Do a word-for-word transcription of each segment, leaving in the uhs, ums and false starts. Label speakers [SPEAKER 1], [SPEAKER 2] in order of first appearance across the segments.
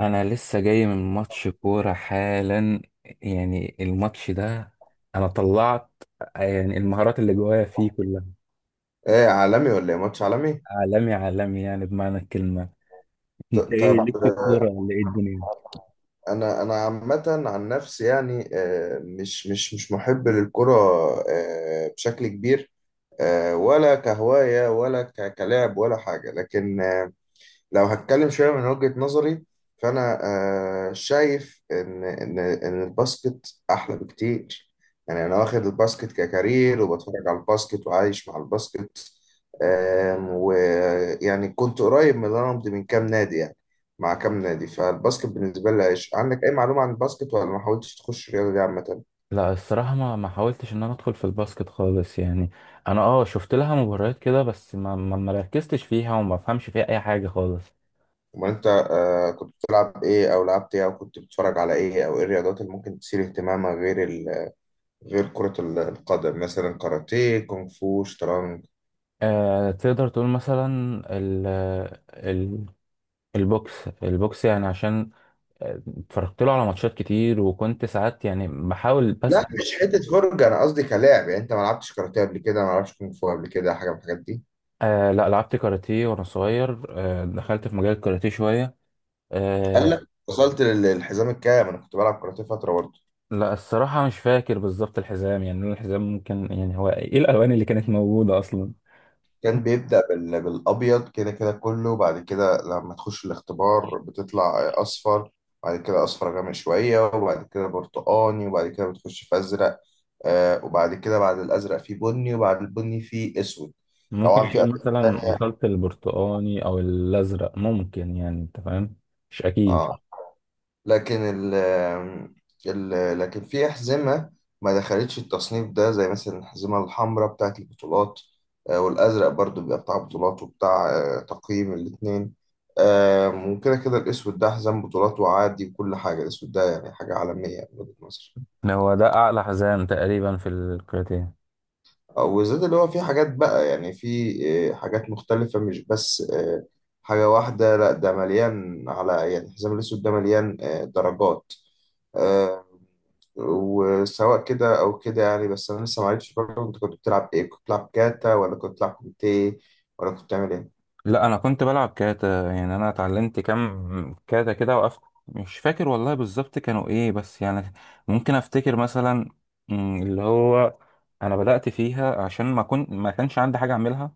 [SPEAKER 1] انا لسه جاي من ماتش كوره حالا. يعني الماتش ده انا طلعت، يعني المهارات اللي جوايا فيه كلها.
[SPEAKER 2] ايه عالمي ولا ايه ماتش عالمي؟
[SPEAKER 1] عالمي عالمي، يعني بمعنى الكلمه.
[SPEAKER 2] ط-
[SPEAKER 1] انت ايه
[SPEAKER 2] طب
[SPEAKER 1] ليك في
[SPEAKER 2] آه،
[SPEAKER 1] الكوره ولا ايه الدنيا؟
[SPEAKER 2] انا انا عامه عن نفسي يعني، آه، مش مش مش محب للكره آه، بشكل كبير. آه، ولا كهوايه ولا ك- كلاعب ولا حاجه، لكن لو هتكلم شوية من وجهة نظري، فأنا آه، شايف إن إن إن الباسكت أحلى بكتير. يعني أنا واخد الباسكت ككارير وبتفرج على الباسكت وعايش مع الباسكت. آم، ويعني كنت قريب من الرمض من كام نادي، يعني مع كام نادي. فالباسكت بالنسبة لي عايش. عندك أي معلومة عن الباسكت ولا ما حاولتش تخش الرياضة دي عامة؟
[SPEAKER 1] لا الصراحه ما ما حاولتش ان انا ادخل في الباسكت خالص يعني. انا اه شفت لها مباريات كده، بس ما ما ما ركزتش فيها وما فهمش فيها اي حاجه خالص.
[SPEAKER 2] أمال أنت آه، كنت بتلعب إيه أو لعبت إيه أو كنت بتتفرج على إيه، أو إيه الرياضات اللي ممكن تثير اهتمامك غير غير كرة ال- القدم؟ مثلا كاراتيه، كونغ فو، شطرنج.
[SPEAKER 1] آه، تقدر تقول مثلا ال ال البوكس البوكس، يعني عشان اتفرجت له على ماتشات كتير، وكنت ساعات يعني بحاول
[SPEAKER 2] لا لا،
[SPEAKER 1] بسأل.
[SPEAKER 2] مش حتة فرجة، أنا قصدي كلاعب. يعني أنت ما لعبتش كاراتيه قبل كده، ما لعبتش كونغ فو قبل كده، حاجة من الحاجات دي؟
[SPEAKER 1] آه لا، لعبت كاراتيه وانا صغير، آه دخلت في مجال الكاراتيه شوية.
[SPEAKER 2] قال
[SPEAKER 1] آه
[SPEAKER 2] لك، وصلت لل- للحزام الكام؟ أنا كنت بلعب كاراتيه فترة برضه.
[SPEAKER 1] لا الصراحة مش فاكر بالظبط الحزام، يعني لون الحزام ممكن، يعني هو ايه الالوان اللي كانت موجودة اصلا؟
[SPEAKER 2] كان بيبدأ بال- بالأبيض كده، كده كله بعد كده لما تخش الاختبار بتطلع أصفر، بعد كده أصفر غامق شوية، وبعد كده برتقاني، وبعد كده بتخش في أزرق. آه، وبعد كده بعد الأزرق في بني، وبعد البني في أسود.
[SPEAKER 1] ممكن
[SPEAKER 2] طبعا في ألوان
[SPEAKER 1] تقول مثلا وصلت البرتقاني او الازرق، ممكن، يعني انت فاهم. مش اكيد.
[SPEAKER 2] تانية، لكن ال ال لكن في أحزمة ما دخلتش التصنيف ده، زي مثلا الأحزمة الحمراء بتاعة البطولات. آه، والأزرق برضو بيبقى بتاع بطولات وبتاع آه، تقييم الاتنين. آم، وكده كده الأسود ده حزام بطولات وعادي وكل حاجة. الأسود ده يعني حاجة عالمية من وجهة نظري.
[SPEAKER 1] هو ده اعلى حزام تقريبا في الكاراتيه.
[SPEAKER 2] وزاد اللي هو في حاجات بقى، يعني في آه، حاجات مختلفة، مش بس آه، حاجة واحدة. لا، ده مليان، على يعني الحزام الأسود ده مليان آه، درجات. آه، وسواء كده أو كده يعني. بس أنا لسه معرفتش برضه، أنت كنت بتلعب إيه؟ كنت بتلعب كاتا، ولا كنت بتلعب كوميتيه، ولا كنت بتعمل إيه؟
[SPEAKER 1] لا انا كنت بلعب كاتا، يعني انا اتعلمت كام كاتا كده وقفت. مش فاكر والله بالظبط كانوا ايه، بس يعني ممكن افتكر مثلا، مم، اللي هو انا بدأت فيها عشان ما كنت، ما كانش عندي حاجة اعملها.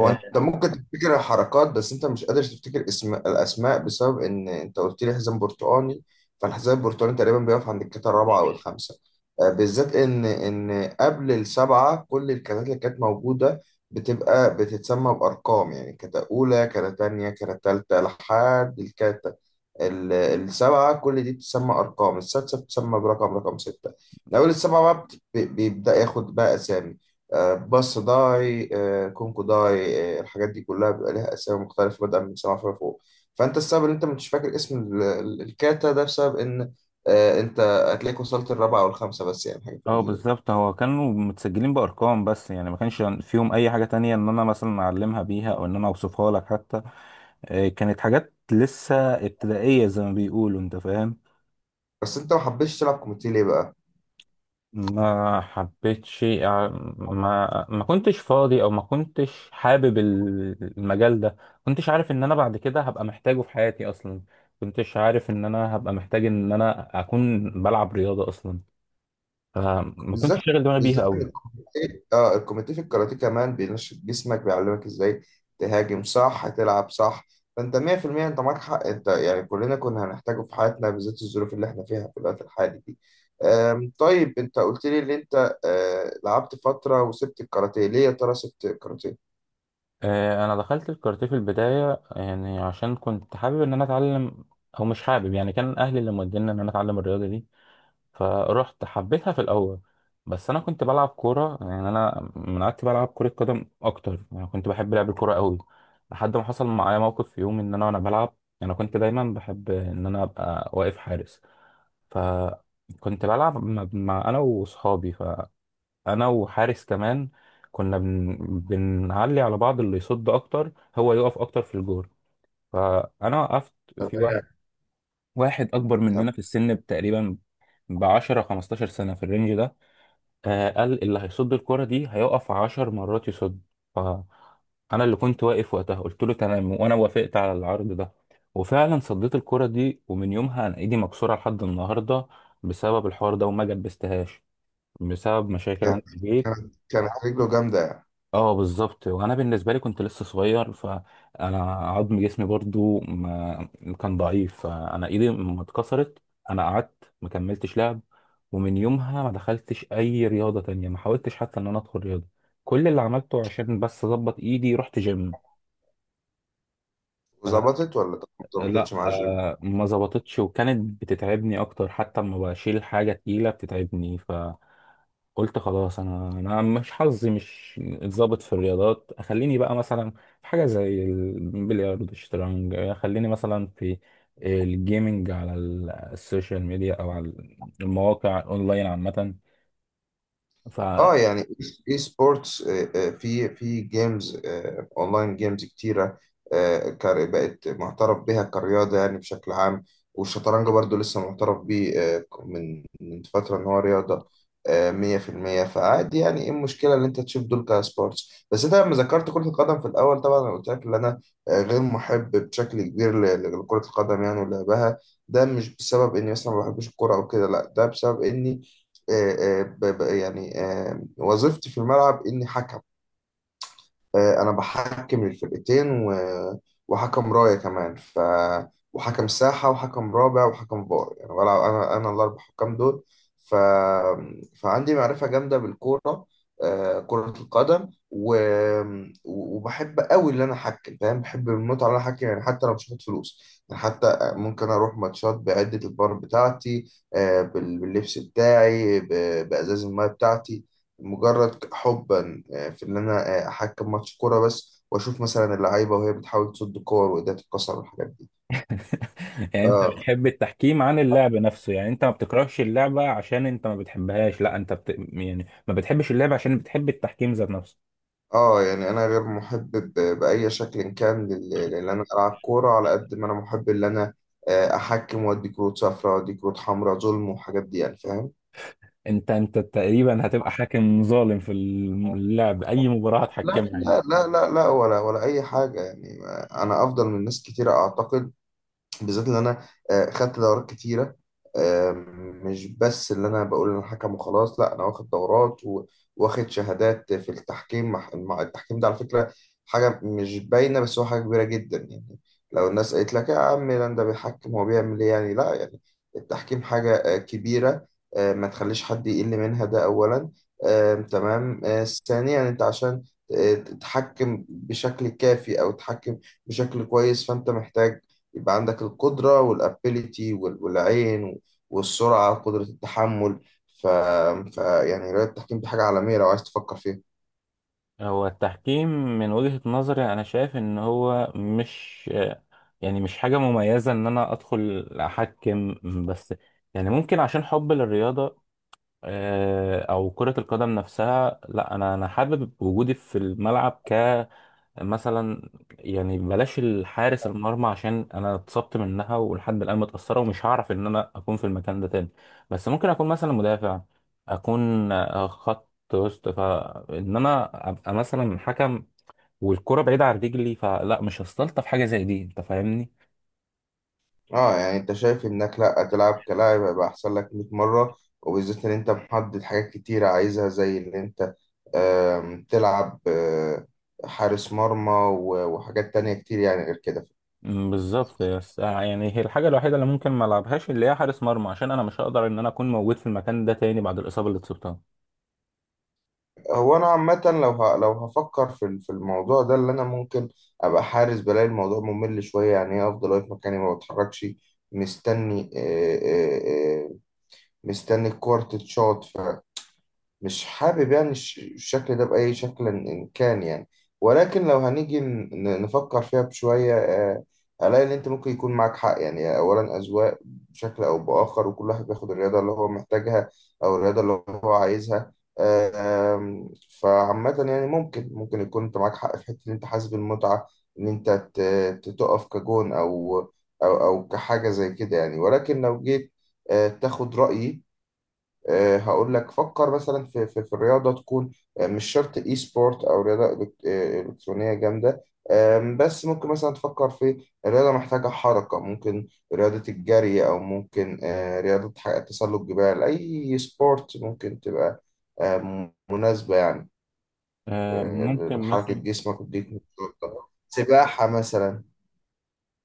[SPEAKER 2] هو انت
[SPEAKER 1] اه.
[SPEAKER 2] ممكن تفتكر الحركات، بس انت مش قادر تفتكر اسم الاسماء، بسبب ان انت قلت لي حزام برتقاني. فالحزام البرتقاني تقريبا بيقف عند الكتله الرابعه او الخامسه. آه، بالذات ان ان قبل السبعه كل الكتات اللي كانت موجوده بتبقى بتتسمى بارقام. يعني كتة اولى، كتة تانية، كتة تالتة، لحد الكتة ال- السبعة. كل دي بتسمى أرقام، السادسة بتسمى برقم رقم ستة. من أول السبعة بقى بت- ب- بيبدأ ياخد بقى أسامي. آه، باص داي، آه، كونكو داي، آه، الحاجات دي كلها بيبقى ليها أسامي مختلفة، بدءا من السبعة فيما فوق. فأنت السبب إن أنت مش فاكر اسم ال- ال- الكاتا ده، بسبب إن آه، أنت هتلاقيك وصلت الرابعة أو الخامسة، بس يعني حاجة في
[SPEAKER 1] آه،
[SPEAKER 2] الرينج ده.
[SPEAKER 1] بالظبط هو كانوا متسجلين بارقام، بس يعني ما كانش فيهم اي حاجة تانية ان انا مثلا اعلمها بيها او ان انا اوصفها لك حتى. آه، كانت حاجات لسه ابتدائية زي ما بيقولوا، انت فاهم.
[SPEAKER 2] بس أنت ما حبيتش تلعب كوميتي ليه بقى؟
[SPEAKER 1] ما حبيتش، آه، ما ما كنتش فاضي، او ما كنتش حابب ال- المجال ده. ما كنتش عارف ان انا بعد كده هبقى محتاجه في حياتي اصلا. ما كنتش عارف ان انا هبقى محتاج ان انا اكون بلعب رياضة اصلا. فما
[SPEAKER 2] بالذات
[SPEAKER 1] كنتش شاغل دماغي بيها
[SPEAKER 2] بالذات ان
[SPEAKER 1] قوي.
[SPEAKER 2] الكوميتيه، اه الكوميتيه في الكاراتيه كمان، بينشط جسمك، بيعلمك ازاي تهاجم صح، تلعب صح. فانت مية في المية انت معاك حق. انت يعني كلنا كنا هنحتاجه في حياتنا، بالذات الظروف اللي احنا فيها في الوقت الحالي دي. آم، طيب انت قلت لي ان انت آه، لعبت فتره وسبت الكاراتيه. ليه يا ترى سبت الكاراتيه؟
[SPEAKER 1] آه، انا دخلت الكاراتيه في البداية يعني عشان كنت حابب ان انا اتعلم، او مش حابب يعني، كان اهلي اللي موديني ان انا اتعلم الرياضة دي. فرحت حبيتها في الاول، بس انا كنت بلعب كوره. يعني انا من قعدت بلعب كره قدم اكتر، يعني كنت بحب لعب الكوره قوي لحد ما حصل معايا موقف في يوم ان انا وانا بلعب. انا كنت دايما بحب ان انا ابقى واقف حارس، فكنت بلعب مع، مع انا واصحابي، فانا وحارس كمان كنا بن... بنعلي على بعض اللي يصد اكتر هو يقف اكتر في الجول. فانا وقفت في واحد،
[SPEAKER 2] تمام.
[SPEAKER 1] واحد اكبر مننا في
[SPEAKER 2] تمام.
[SPEAKER 1] السن تقريبا ب عشرة لخمستاشر سنه في الرينج ده. آه قال اللي هيصد الكرة دي هيقف عشر مرات يصد. ف أنا اللي كنت واقف وقتها، قلت له تمام وأنا وافقت على العرض ده. وفعلا صديت الكرة دي، ومن يومها أنا إيدي مكسورة لحد النهاردة بسبب الحوار ده، وما جبستهاش بسبب مشاكل عندي في البيت.
[SPEAKER 2] كانت كانت رجله جامده يعني.
[SPEAKER 1] اه بالظبط، وانا بالنسبه لي كنت لسه صغير، فانا عظم جسمي برضو ما كان ضعيف، فانا ايدي ما اتكسرت. انا قعدت ما كملتش لعب، ومن يومها ما دخلتش اي رياضه تانية، ما حاولتش حتى ان انا ادخل رياضه. كل اللي عملته عشان بس اظبط ايدي رحت جيم.
[SPEAKER 2] وظبطت ولا ما
[SPEAKER 1] لا
[SPEAKER 2] ظبطتش مع الجيم؟
[SPEAKER 1] آه ما ظبطتش، وكانت بتتعبني اكتر، حتى لما بشيل حاجه تقيله بتتعبني. فقلت خلاص، انا انا مش حظي مش اتظبط في الرياضات. خليني بقى مثلا في حاجه زي البلياردو الشطرنج، خليني مثلا في الجيمنج على ال- السوشيال ميديا، او على المواقع اونلاين عامه.
[SPEAKER 2] اه يعني اي سبورتس، في في جيمز اونلاين، جيمز كتيره. آه، كار- بقت معترف بها كرياضه يعني بشكل عام، والشطرنج برضو لسه معترف بيه آه، من من فتره ان هو رياضه. آه، مية في المية. فعادي يعني، ايه المشكله ان انت تشوف دول كسبورتس؟ بس انت لما ذكرت كره القدم في الاول، طبعا انا قلت لك ان انا آه، غير محب بشكل كبير ل- لكره القدم يعني ولعبها. ده مش بسبب اني مثلا ما بحبش الكوره او كده، لا ده بسبب اني آه، آه، ب- ب- يعني آه، وظيفتي في الملعب اني حكم. آه، انا بحكم للفرقتين، و... وحكم رايه كمان، ف وحكم ساحه، وحكم رابع، وحكم فار، يعني ولا انا انا الاربع حكام دول. ف فعندي معرفه جامده بالكوره، آه، كره القدم، و... وبحب قوي ان انا احكم. فاهم، بحب المتعه ان انا احكم، يعني حتى لو مش هاخد فلوس. يعني حتى ممكن اروح ماتشات بعده البار بتاعتي، آه، بال- باللبس بتاعي، ب- بازاز المايه بتاعتي، مجرد حبا آه، في ان انا آه، احكم ماتش كوره بس، واشوف مثلا اللعيبه وهي بتحاول تصد كور وايديها تتكسر والحاجات دي.
[SPEAKER 1] يعني انت
[SPEAKER 2] اه.
[SPEAKER 1] بتحب التحكيم عن اللعب نفسه؟ يعني انت ما بتكرهش اللعبة عشان انت ما بتحبهاش، لا انت بت... يعني ما بتحبش اللعبة عشان بتحب التحكيم ذات نفسه.
[SPEAKER 2] اه يعني انا غير محب ب- باي شكل كان لل- لان انا العب كوره، على قد ما انا محب ان انا آه، احكم وادي كروت صفراء وادي كروت حمراء، ظلم والحاجات دي يعني، فاهم.
[SPEAKER 1] انت انت تقريبا هتبقى حاكم ظالم في اللعب اي مباراة
[SPEAKER 2] لا
[SPEAKER 1] هتحكمها يعني.
[SPEAKER 2] لا لا لا لا، ولا ولا اي حاجه يعني. آه، انا افضل من ناس كتيره اعتقد، بالذات اللي انا آه، خدت دورات كتيره. آه، مش بس اللي انا بقول انا حكم وخلاص، لا، انا واخد دورات و- واخد شهادات في التحكيم مع مع- التحكيم ده على فكره حاجه مش باينه، بس هو حاجه كبيره جدا يعني. لو الناس قالت لك يا عم لان ده بيحكم، هو بيعمل ايه يعني؟ لا، يعني التحكيم حاجه آه، كبيره، آه، ما تخليش حد يقل منها، ده اولا. آه، تمام. آه، ثانيا، انت عشان آه، تتحكم بشكل كافي او تتحكم بشكل كويس، فانت محتاج يبقى عندك القدرة والابيليتي والعين والسرعة وقدرة التحمل. ف... ف يعني رياضة التحكيم دي حاجة عالمية لو عايز تفكر فيها.
[SPEAKER 1] هو التحكيم من وجهة نظري انا شايف ان هو مش، يعني مش حاجة مميزة ان انا ادخل احكم، بس يعني ممكن عشان حب للرياضة، آه، او كرة القدم نفسها. لا انا انا حابب وجودي في الملعب كمثلا، يعني بلاش الحارس المرمى عشان انا اتصبت منها ولحد الان متأثرة، ومش هعرف ان انا اكون في المكان ده تاني. بس ممكن اكون مثلا مدافع، اكون آه، خط وسط، فان انا ابقى مثلا حكم والكرة بعيدة عن رجلي. فلا مش هستلطف حاجة زي دي، انت فاهمني.
[SPEAKER 2] اه يعني انت شايف انك لا تلعب كلاعب هيبقى احسن لك مية مرة، وبالذات ان انت محدد حاجات كتيرة عايزها، زي ان انت آم، تلعب آه، حارس مرمى و- وحاجات تانية كتير يعني غير كده.
[SPEAKER 1] مم، بالظبط، بس آه، يعني هي الحاجه الوحيده اللي ممكن ما العبهاش اللي هي حارس مرمى، عشان انا مش هقدر ان انا اكون موجود في المكان ده تاني بعد الاصابه اللي اتصبتها.
[SPEAKER 2] هو انا عامه لو ه... لو هفكر في ال- في الموضوع ده، اللي انا ممكن ابقى حارس، بلاقي الموضوع ممل شويه يعني. ايه، افضل واقف مكاني ما بتحركش، مستني آه، آه، آه، مستني الكورة تتشاط. مش حابب يعني الش- الشكل ده بأي شكل إن إن كان يعني. ولكن لو هنيجي ن- ن- نفكر فيها بشوية، آه، ألاقي إن أنت ممكن يكون معاك حق يعني. أولا أذواق، بشكل أو بآخر وكل واحد بياخد الرياضة اللي هو محتاجها أو الرياضة اللي هو عايزها. آم، فعامة يعني ممكن ممكن يكون أنت معاك حق في حتة إن أنت حاسس بالمتعة إن أنت ت- ت- تقف كجون أو أو أو كحاجة زي كده يعني. ولكن لو جيت آه، تاخد رأيي، آه، هقول لك فكر مثلا في في, في الرياضه، تكون آه، مش شرط اي سبورت او رياضه إلكت- آه، الكترونيه جامده. آم، بس ممكن مثلا تفكر في رياضه محتاجه حركه، ممكن رياضه الجري، او ممكن آه، رياضه ح- تسلق جبال، اي سبورت ممكن تبقى آه، مناسبه يعني
[SPEAKER 1] آه،
[SPEAKER 2] آه،
[SPEAKER 1] ممكن
[SPEAKER 2] لحركه
[SPEAKER 1] مثلا،
[SPEAKER 2] جسمك وتديك نشاط. سباحه مثلا.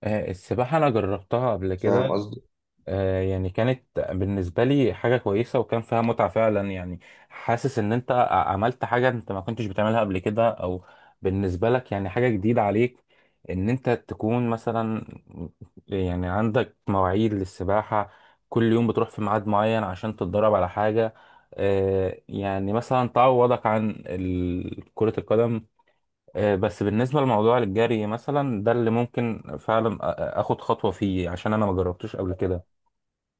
[SPEAKER 1] آه، السباحه انا جربتها قبل
[SPEAKER 2] فاهم
[SPEAKER 1] كده.
[SPEAKER 2] قصدي.
[SPEAKER 1] آه، يعني كانت بالنسبة لي حاجة كويسة وكان فيها متعة فعلا، يعني حاسس ان انت ع- عملت حاجة انت ما كنتش بتعملها قبل كده، او بالنسبة لك يعني حاجة جديدة عليك، ان انت تكون مثلا، يعني عندك مواعيد للسباحة، كل يوم بتروح في ميعاد معين عشان تتدرب على حاجة. آه، يعني مثلا تعوضك عن ال- كرة القدم. آه، بس بالنسبة لموضوع الجري مثلا ده اللي ممكن فعلا أ- أ- اخد خطوة فيه، عشان انا ما جربتوش قبل كده.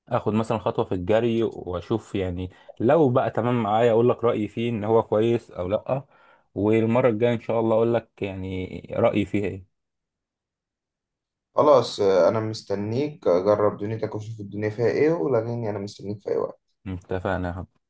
[SPEAKER 1] اخد مثلا خطوه في الجري واشوف يعني. لو بقى تمام معايا اقول لك رايي فيه ان هو كويس او لا، والمره الجايه ان شاء الله اقول لك يعني رايي فيه ايه.
[SPEAKER 2] خلاص آه، انا مستنيك، جرب دنيتك وشوف الدنيا فيها ايه ولغيني، انا مستنيك في اي وقت.
[SPEAKER 1] اتفقنا يا حبيبي.